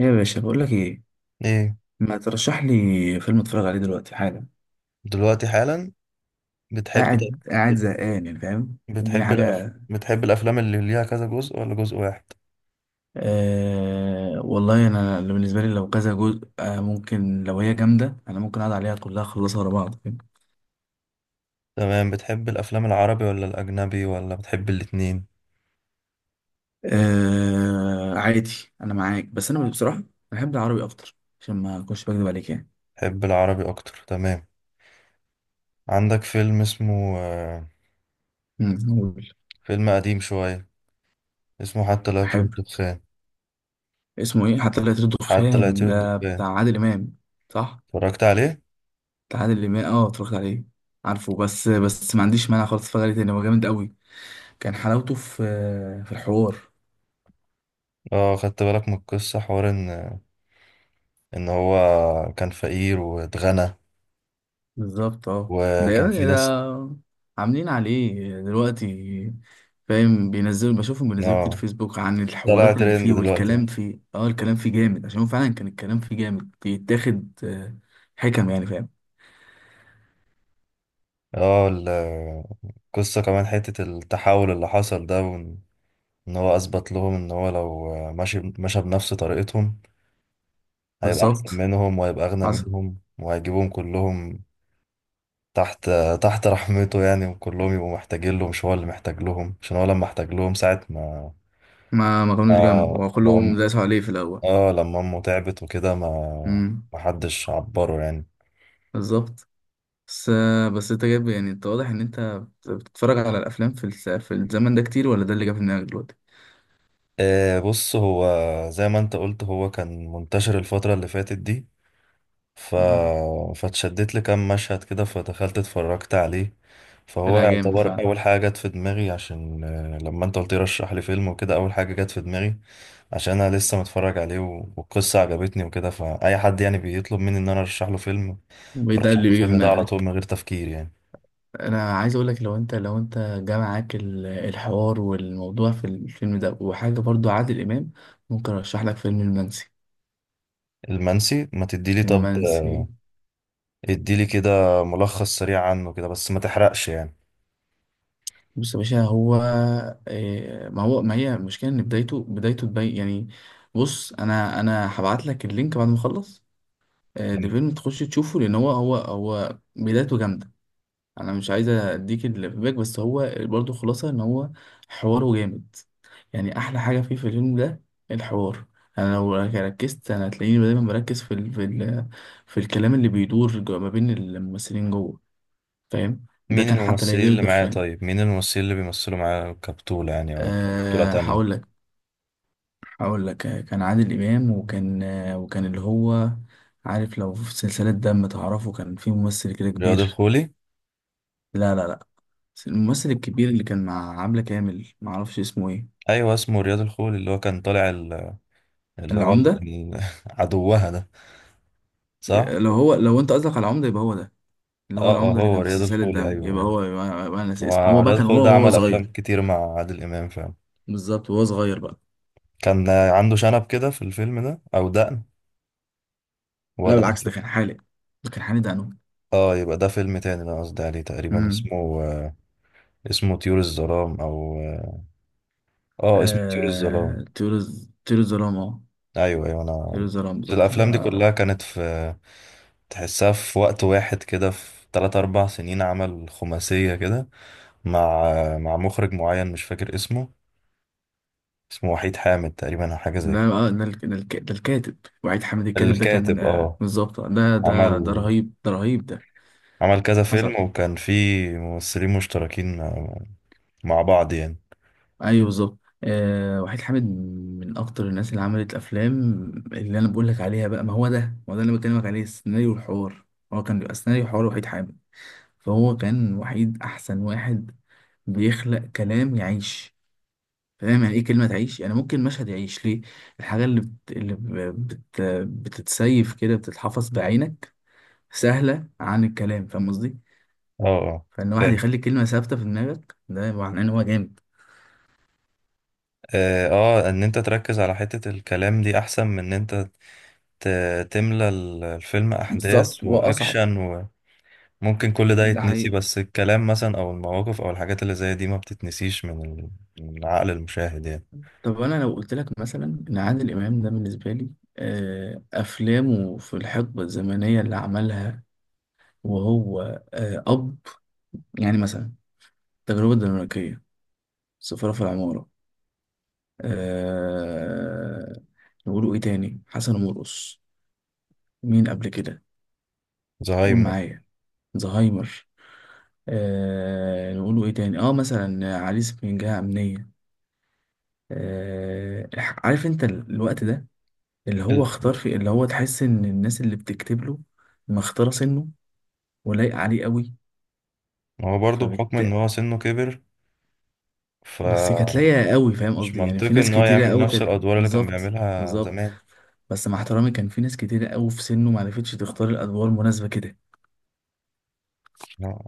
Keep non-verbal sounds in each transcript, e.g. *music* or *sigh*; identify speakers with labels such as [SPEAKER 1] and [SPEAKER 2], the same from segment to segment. [SPEAKER 1] إيه يا باشا، بقول لك ايه.
[SPEAKER 2] ايه.
[SPEAKER 1] ما ترشح لي فيلم اتفرج عليه دلوقتي حالا؟
[SPEAKER 2] دلوقتي حالا. بتحب بت-
[SPEAKER 1] قاعد زهقان يعني، فاهم، اديني
[SPEAKER 2] بتحب الأفلام
[SPEAKER 1] حاجه.
[SPEAKER 2] بتحب الأفلام اللي ليها كذا جزء ولا جزء واحد؟
[SPEAKER 1] آه والله، انا اللي بالنسبه لي لو كذا جزء ممكن، لو هي جامده انا ممكن اقعد عليها كلها اخلصها ورا بعض، فاهم.
[SPEAKER 2] تمام. بتحب الأفلام العربي ولا الأجنبي ولا بتحب الاتنين؟
[SPEAKER 1] آه عادي. انا معاك، بس انا بصراحه بحب العربي اكتر، عشان ما اكونش بكذب عليك يعني.
[SPEAKER 2] بتحب العربي أكتر، تمام. عندك فيلم اسمه
[SPEAKER 1] قول.
[SPEAKER 2] فيلم قديم شوية، اسمه حتى لا يطير
[SPEAKER 1] احب.
[SPEAKER 2] الدخان.
[SPEAKER 1] اسمه ايه؟ حتى لا يطير
[SPEAKER 2] حتى لا
[SPEAKER 1] الدخان؟
[SPEAKER 2] يطير
[SPEAKER 1] ده
[SPEAKER 2] الدخان.
[SPEAKER 1] بتاع عادل امام، صح؟
[SPEAKER 2] اتفرجت عليه.
[SPEAKER 1] تعادل امام، اتفرجت عليه. عارفه، بس ما عنديش مانع خالص اتفرج عليه تاني، هو جامد قوي. كان حلاوته في الحوار.
[SPEAKER 2] اه، خدت بالك من القصة؟ حوار ان هو كان فقير واتغنى،
[SPEAKER 1] بالظبط، ده
[SPEAKER 2] وكان في
[SPEAKER 1] يعني،
[SPEAKER 2] ناس.
[SPEAKER 1] ده عاملين عليه دلوقتي. فاهم، بينزلوا، بشوفهم بينزلوا كتير
[SPEAKER 2] اه،
[SPEAKER 1] فيسبوك عن
[SPEAKER 2] طلع
[SPEAKER 1] الحوارات اللي
[SPEAKER 2] ترند
[SPEAKER 1] فيه
[SPEAKER 2] دلوقتي.
[SPEAKER 1] والكلام فيه، الكلام فيه جامد، عشان هو فعلا كان الكلام فيه جامد بيتاخد حكم يعني، فاهم.
[SPEAKER 2] اه، القصة كمان حتة التحول اللي حصل ده، وان إن هو اثبت لهم ان هو لو ماشي مشى بنفس طريقتهم، هيبقى احسن
[SPEAKER 1] بالظبط،
[SPEAKER 2] منهم وهيبقى اغنى
[SPEAKER 1] حصل.
[SPEAKER 2] منهم وهيجيبهم كلهم تحت تحت رحمته يعني، وكلهم يبقوا محتاجين له، مش هو اللي محتاج لهم، عشان هو لما احتاج لهم ساعة ما
[SPEAKER 1] ما كانوش
[SPEAKER 2] ما
[SPEAKER 1] جنبه،
[SPEAKER 2] ما
[SPEAKER 1] وكلهم
[SPEAKER 2] أم-
[SPEAKER 1] داسوا عليه في الاول.
[SPEAKER 2] اه لما امه تعبت وكده، ما
[SPEAKER 1] امم
[SPEAKER 2] ما حدش عبره يعني.
[SPEAKER 1] بالظبط. بس بس انت جايب يعني، انت واضح ان انت بتتفرج على الافلام في في الزمن ده كتير، ولا ده اللي جه في دماغك دلوقتي؟
[SPEAKER 2] آه، بص، هو زي ما انت قلت هو كان منتشر الفترة اللي فاتت دي، ف...
[SPEAKER 1] مم.
[SPEAKER 2] فاتشدت لكام مشهد كده فدخلت اتفرجت عليه. فهو
[SPEAKER 1] طلع جامد
[SPEAKER 2] يعتبر
[SPEAKER 1] فعلا.
[SPEAKER 2] اول حاجه جت في دماغي، عشان لما انت قلت لي رشح لي فيلم وكده، اول حاجه جت في دماغي عشان انا لسه متفرج عليه والقصه عجبتني وكده. فاي حد يعني بيطلب مني ان انا ارشح له فيلم،
[SPEAKER 1] وده
[SPEAKER 2] ارشح له
[SPEAKER 1] اللي بيجي في
[SPEAKER 2] الفيلم ده على طول
[SPEAKER 1] دماغك.
[SPEAKER 2] من غير تفكير يعني.
[SPEAKER 1] انا عايز اقول لك، لو انت جا معاك الحوار والموضوع في الفيلم ده، وحاجه برضو عادل امام، ممكن ارشح لك فيلم المنسي.
[SPEAKER 2] المنسي؟ ما تديلي طب،
[SPEAKER 1] المنسي.
[SPEAKER 2] اديلي كده ملخص سريع عنه كده، بس ما تحرقش يعني.
[SPEAKER 1] بص يا باشا، هو إيه، ما هي المشكله، ان بدايته تبين يعني. بص، انا هبعت لك اللينك بعد ما اخلص. ده فيلم تخش تشوفه، لان هو بدايته جامده. انا مش عايز اديك الفيدباك، بس هو برضو خلاصه ان هو حواره جامد. يعني احلى حاجه فيه في الفيلم ده الحوار. انا لو ركزت، انا هتلاقيني دايما مركز في في الكلام اللي بيدور ما بين الممثلين جوه، فاهم. ده
[SPEAKER 2] مين
[SPEAKER 1] كان حتى لا
[SPEAKER 2] الممثلين
[SPEAKER 1] يدير
[SPEAKER 2] اللي معايا
[SPEAKER 1] الدخان.
[SPEAKER 2] طيب مين الممثلين اللي بيمثلوا معايا كبطولة يعني او بطولة
[SPEAKER 1] هقول
[SPEAKER 2] تانية؟
[SPEAKER 1] لك. كان عادل امام، وكان اللي هو، عارف لو في سلسله دم، تعرفه، كان في ممثل كده
[SPEAKER 2] رياض
[SPEAKER 1] كبير.
[SPEAKER 2] الخولي.
[SPEAKER 1] لا لا لا، بس الممثل الكبير اللي كان مع عبلة كامل، معرفش اسمه ايه.
[SPEAKER 2] ايوه اسمه رياض الخولي، اللي هو كان طالع اللي هو
[SPEAKER 1] العمدة.
[SPEAKER 2] *laughs* عدوها ده. صح.
[SPEAKER 1] لو انت قصدك على العمدة يبقى هو ده، اللي هو
[SPEAKER 2] اه اه،
[SPEAKER 1] العمدة اللي
[SPEAKER 2] هو
[SPEAKER 1] كان في
[SPEAKER 2] رياض
[SPEAKER 1] سلسلة
[SPEAKER 2] الخولي،
[SPEAKER 1] دم،
[SPEAKER 2] ايوه ايوه.
[SPEAKER 1] يبقى أنا ناسي اسمه. هو بقى
[SPEAKER 2] ورياض
[SPEAKER 1] كان
[SPEAKER 2] الخولي
[SPEAKER 1] هو
[SPEAKER 2] ده
[SPEAKER 1] هو
[SPEAKER 2] عمل
[SPEAKER 1] صغير.
[SPEAKER 2] افلام كتير مع عادل امام فعلا.
[SPEAKER 1] بالظبط، وهو صغير بقى.
[SPEAKER 2] كان عنده شنب كده في الفيلم ده او دقن،
[SPEAKER 1] لا
[SPEAKER 2] ولا ده
[SPEAKER 1] بالعكس، ده كان حالق، ده انو
[SPEAKER 2] اه؟ يبقى ده فيلم تاني اللي انا قصدي عليه. تقريبا
[SPEAKER 1] امم
[SPEAKER 2] اسمه آه، اسمه طيور الظلام او اه آه، اسمه طيور الظلام.
[SPEAKER 1] طيور الظلام،
[SPEAKER 2] ايوه ايوه.
[SPEAKER 1] طيور
[SPEAKER 2] انا
[SPEAKER 1] الظلام،
[SPEAKER 2] في
[SPEAKER 1] بالظبط
[SPEAKER 2] الافلام دي كلها كانت في، تحسها في وقت واحد كده، في 3 4 سنين عمل خماسية كده مع مع مخرج معين مش فاكر اسمه، اسمه وحيد حامد تقريبا أو حاجة زي كده.
[SPEAKER 1] ده الكاتب. وعيد حامد الكاتب ده كان
[SPEAKER 2] الكاتب، اه.
[SPEAKER 1] بالظبط ده
[SPEAKER 2] عمل
[SPEAKER 1] رهيب، ده رهيب ده.
[SPEAKER 2] عمل كذا
[SPEAKER 1] حصل.
[SPEAKER 2] فيلم، وكان في ممثلين مشتركين، مع بعض يعني.
[SPEAKER 1] ايوه بالظبط، وحيد حامد من اكتر الناس اللي عملت افلام اللي انا بقول لك عليها بقى. ما هو ده اللي أنا بكلمك عليه، السيناريو والحوار. هو كان بيبقى سيناريو وحوار وحيد حامد. فهو كان وحيد احسن واحد بيخلق كلام يعيش. فاهم يعني ايه كلمه تعيش؟ يعني ممكن مشهد يعيش ليه. الحاجه اللي بت... اللي ب- بت... بتتسيف كده، بتتحفظ بعينك سهله عن الكلام، فاهم قصدي.
[SPEAKER 2] اه. اه.
[SPEAKER 1] فان واحد
[SPEAKER 2] فاهم.
[SPEAKER 1] يخلي كلمه ثابته في دماغك، ده معناه ان هو جامد.
[SPEAKER 2] اه، آه، ان انت تركز على حتة الكلام دي احسن من ان انت تملى الفيلم احداث
[SPEAKER 1] بالظبط، واصعب.
[SPEAKER 2] واكشن، وممكن كل ده
[SPEAKER 1] ده
[SPEAKER 2] يتنسي،
[SPEAKER 1] حقيقي.
[SPEAKER 2] بس الكلام مثلا او المواقف او الحاجات اللي زي دي ما بتتنسيش من من عقل المشاهد يعني.
[SPEAKER 1] طب انا لو قلت لك مثلا ان عادل امام ده بالنسبه لي افلامه في الحقبه الزمنيه اللي عملها وهو آه، اب يعني مثلا التجربه الدنماركيه، سفاره في العماره، أه نقولوا ايه تاني، حسن ومرقص، مين قبل كده؟ قول
[SPEAKER 2] زهايمر.
[SPEAKER 1] معايا. زهايمر. نقولوا ايه تاني، مثلا عريس من جهه امنيه. أه عارف انت الوقت ده اللي هو اختار في، اللي هو تحس ان الناس اللي بتكتب له مختاره سنه ولايقه عليه قوي،
[SPEAKER 2] هو برضه بحكم ان
[SPEAKER 1] فبت.
[SPEAKER 2] هو سنه كبر،
[SPEAKER 1] بس كانت لايقه
[SPEAKER 2] فمش
[SPEAKER 1] قوي، فاهم قصدي، يعني في
[SPEAKER 2] منطقي
[SPEAKER 1] ناس
[SPEAKER 2] ان هو
[SPEAKER 1] كتيره
[SPEAKER 2] يعمل
[SPEAKER 1] قوي
[SPEAKER 2] نفس
[SPEAKER 1] كانت.
[SPEAKER 2] الادوار اللي كان
[SPEAKER 1] بالظبط.
[SPEAKER 2] بيعملها
[SPEAKER 1] بالظبط.
[SPEAKER 2] زمان.
[SPEAKER 1] بس مع احترامي، كان في ناس كتيره قوي في سنه ما عرفتش تختار الادوار مناسبه كده.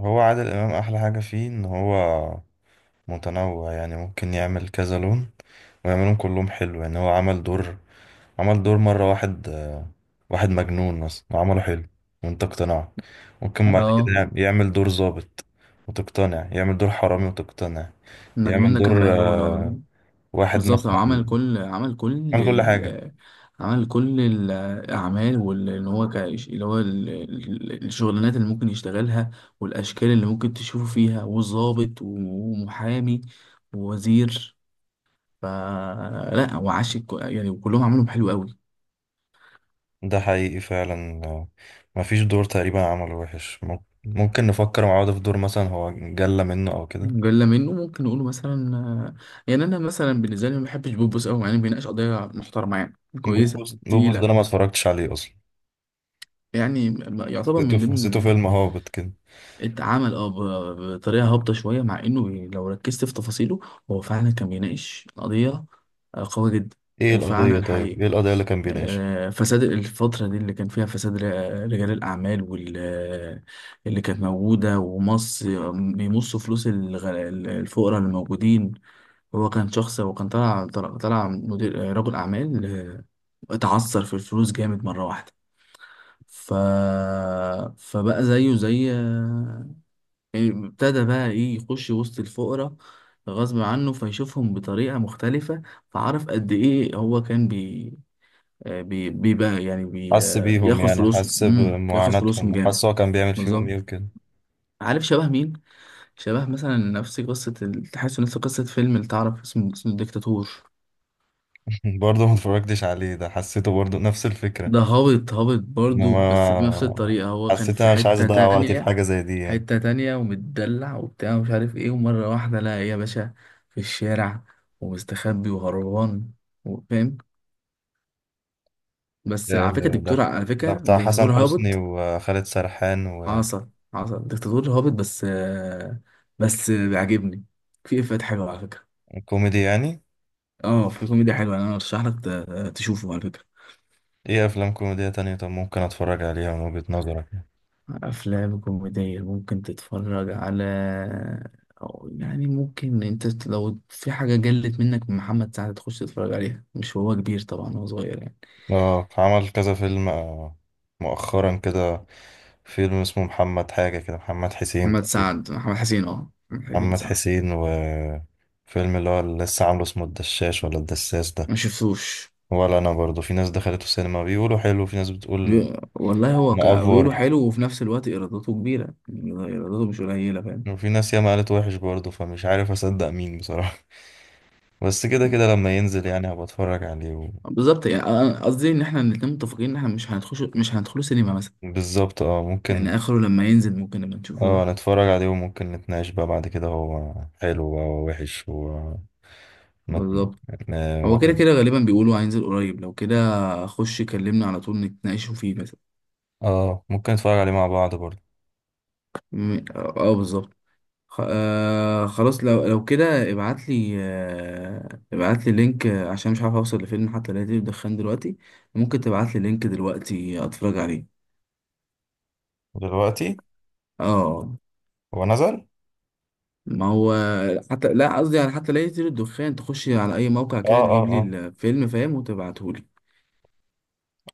[SPEAKER 2] هو عادل امام احلى حاجه فيه ان هو متنوع، يعني ممكن يعمل كذا لون ويعملهم كلهم حلو. يعني هو عمل دور مره واحد، واحد مجنون مثلا وعمله حلو وانت اقتنعت. ممكن بعد كده
[SPEAKER 1] اه.
[SPEAKER 2] يعمل دور ظابط وتقتنع، يعمل دور حرامي وتقتنع،
[SPEAKER 1] المجنون
[SPEAKER 2] يعمل
[SPEAKER 1] ده كان
[SPEAKER 2] دور
[SPEAKER 1] بهلول، اه.
[SPEAKER 2] واحد
[SPEAKER 1] بالظبط، هو
[SPEAKER 2] مثلا. عمل كل حاجه.
[SPEAKER 1] عمل كل الأعمال، واللي هو ك... اللي هو ال... ال- الشغلانات اللي ممكن يشتغلها، والأشكال اللي ممكن تشوفه فيها، وظابط ومحامي ووزير، يعني، وكلهم عملهم حلو قوي.
[SPEAKER 2] ده حقيقي فعلا، مفيش دور تقريبا عمله وحش. ممكن نفكر مع بعض في دور مثلا هو جلى منه او كده.
[SPEAKER 1] جلة منه ممكن نقوله مثلا يعني أنا مثلا بالنسبة لي ما بحبش بوبوس قوي، يعني بيناقش قضايا محترمة، يعني كويسة
[SPEAKER 2] بوبوس؟ بوبوس ده انا ما
[SPEAKER 1] تقيلة.
[SPEAKER 2] اتفرجتش عليه اصلا،
[SPEAKER 1] يعني، يعتبر
[SPEAKER 2] حسيته
[SPEAKER 1] من
[SPEAKER 2] حسيته
[SPEAKER 1] ضمن.
[SPEAKER 2] فيلم هابط كده.
[SPEAKER 1] اتعمل بطريقه هابطه شويه، مع انه لو ركزت في تفاصيله هو فعلا كان بيناقش قضيه قويه جدا.
[SPEAKER 2] ايه القضية؟
[SPEAKER 1] وفعلا
[SPEAKER 2] طيب
[SPEAKER 1] حقيقي
[SPEAKER 2] ايه القضية اللي كان بيناقشها؟
[SPEAKER 1] فساد الفترة دي اللي كان فيها، فساد رجال الأعمال، واللي كانت موجودة، ومص، بيمصوا فلوس الفقراء اللي موجودين. هو كان شخص، وكان طلع مدير رجل أعمال آه،، اتعثر في الفلوس جامد مرة واحدة. ف... فبقى زيه زي، يعني ابتدى بقى ايه، يخش وسط الفقراء غصب عنه، فيشوفهم بطريقة مختلفة. فعرف قد ايه هو كان بي آه، بي بيبقى يعني بي
[SPEAKER 2] حس
[SPEAKER 1] آه،
[SPEAKER 2] بيهم
[SPEAKER 1] بياخد
[SPEAKER 2] يعني،
[SPEAKER 1] فلوسهم،
[SPEAKER 2] حس
[SPEAKER 1] بياخد فلوسهم
[SPEAKER 2] بمعاناتهم،
[SPEAKER 1] جامد.
[SPEAKER 2] وحس هو كان بيعمل فيهم
[SPEAKER 1] بالظبط.
[SPEAKER 2] ايه وكده.
[SPEAKER 1] عارف شبه مين؟ شبه مثلا نفس قصة تحس نفس قصة فيلم، اللي تعرف اسمه الدكتاتور.
[SPEAKER 2] *laughs* برضه ما اتفرجتش عليه، ده حسيته برضه نفس الفكرة.
[SPEAKER 1] ده هابط، هابط برضو، بس بنفس
[SPEAKER 2] ما
[SPEAKER 1] الطريقة، هو كان
[SPEAKER 2] حسيت
[SPEAKER 1] في
[SPEAKER 2] انا مش عايز
[SPEAKER 1] حتة
[SPEAKER 2] اضيع وقتي في
[SPEAKER 1] تانية،
[SPEAKER 2] حاجة زي دي يعني.
[SPEAKER 1] ومتدلع وبتاع ومش عارف ايه، ومرة واحدة لقى ايه يا باشا، في الشارع ومستخبي وهربان، فاهم. بس
[SPEAKER 2] ده
[SPEAKER 1] على فكرة،
[SPEAKER 2] ده ده بتاع حسن
[SPEAKER 1] دكتاتور
[SPEAKER 2] حسني
[SPEAKER 1] هابط.
[SPEAKER 2] وخالد سرحان؟
[SPEAKER 1] حصل دكتاتور هابط، بس بس بيعجبني، في افات حلوة على فكرة.
[SPEAKER 2] كوميدي يعني؟
[SPEAKER 1] اه في كوميديا حلوة، انا ارشح لك تشوفه على فكرة.
[SPEAKER 2] ايه افلام كوميدية تانية طب ممكن اتفرج عليها من وجهة نظرك يعني؟
[SPEAKER 1] أفلام كوميدية ممكن تتفرج على، أو يعني ممكن أنت لو في حاجة جلت منك من محمد سعد تخش تتفرج عليها، مش هو كبير طبعا، هو صغير يعني.
[SPEAKER 2] اه، عمل كذا فيلم، مؤخرا كده، فيلم اسمه محمد حاجة كده، محمد حسين
[SPEAKER 1] محمد
[SPEAKER 2] تقريبا.
[SPEAKER 1] سعد، محمد حسين، محمد حسين
[SPEAKER 2] محمد
[SPEAKER 1] سعد.
[SPEAKER 2] حسين، وفيلم اللي هو اللي لسه عامله اسمه الدشاش ولا الدساس ده؟
[SPEAKER 1] ما شفتوش.
[SPEAKER 2] ولا انا برضو. في ناس دخلته السينما بيقولوا حلو، وفي ناس بتقول
[SPEAKER 1] والله هو، بيقولوا
[SPEAKER 2] مأفور،
[SPEAKER 1] حلو، وفي نفس الوقت إيراداته كبيرة، يعني إيراداته مش قليلة، فاهم.
[SPEAKER 2] وفي ناس ياما قالت وحش برضه، فمش عارف اصدق مين بصراحة. *laughs* بس كده كده لما ينزل يعني هبقى اتفرج عليه
[SPEAKER 1] بالظبط، يعني قصدي إن إحنا الاتنين متفقين إن إحنا مش هندخله سينما مثلا.
[SPEAKER 2] بالظبط. اه ممكن.
[SPEAKER 1] يعني آخره لما ينزل ممكن نبقى
[SPEAKER 2] اه،
[SPEAKER 1] نشوفوه.
[SPEAKER 2] نتفرج عليه وممكن نتناقش بقى بعد كده هو حلو بقى ووحش مت...
[SPEAKER 1] بالظبط، هو كده
[SPEAKER 2] واحد.
[SPEAKER 1] كده غالبا بيقولوا هينزل قريب، لو كده خش كلمنا على طول نتناقشوا فيه مثلا.
[SPEAKER 2] اه، ممكن نتفرج عليه مع بعض برضه.
[SPEAKER 1] بالظبط. خلاص، لو كده ابعت لي، آه ابعت لي لينك عشان مش عارف اوصل لفيلم حتى لا بدخان دلوقتي، ممكن تبعت لي لينك دلوقتي اتفرج عليه.
[SPEAKER 2] دلوقتي؟
[SPEAKER 1] اه،
[SPEAKER 2] هو نزل؟
[SPEAKER 1] ما هو، حتى لا قصدي على حتى لا يطير الدخان، تخش على اي موقع
[SPEAKER 2] اه
[SPEAKER 1] كده
[SPEAKER 2] اه
[SPEAKER 1] تجيب لي
[SPEAKER 2] اه.
[SPEAKER 1] الفيلم، فاهم، وتبعته لي.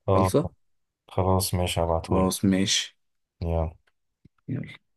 [SPEAKER 2] اه.
[SPEAKER 1] خلصه.
[SPEAKER 2] خلاص ماشي، هبعتهولك.
[SPEAKER 1] خلاص، ماشي.
[SPEAKER 2] يلا.
[SPEAKER 1] يلا.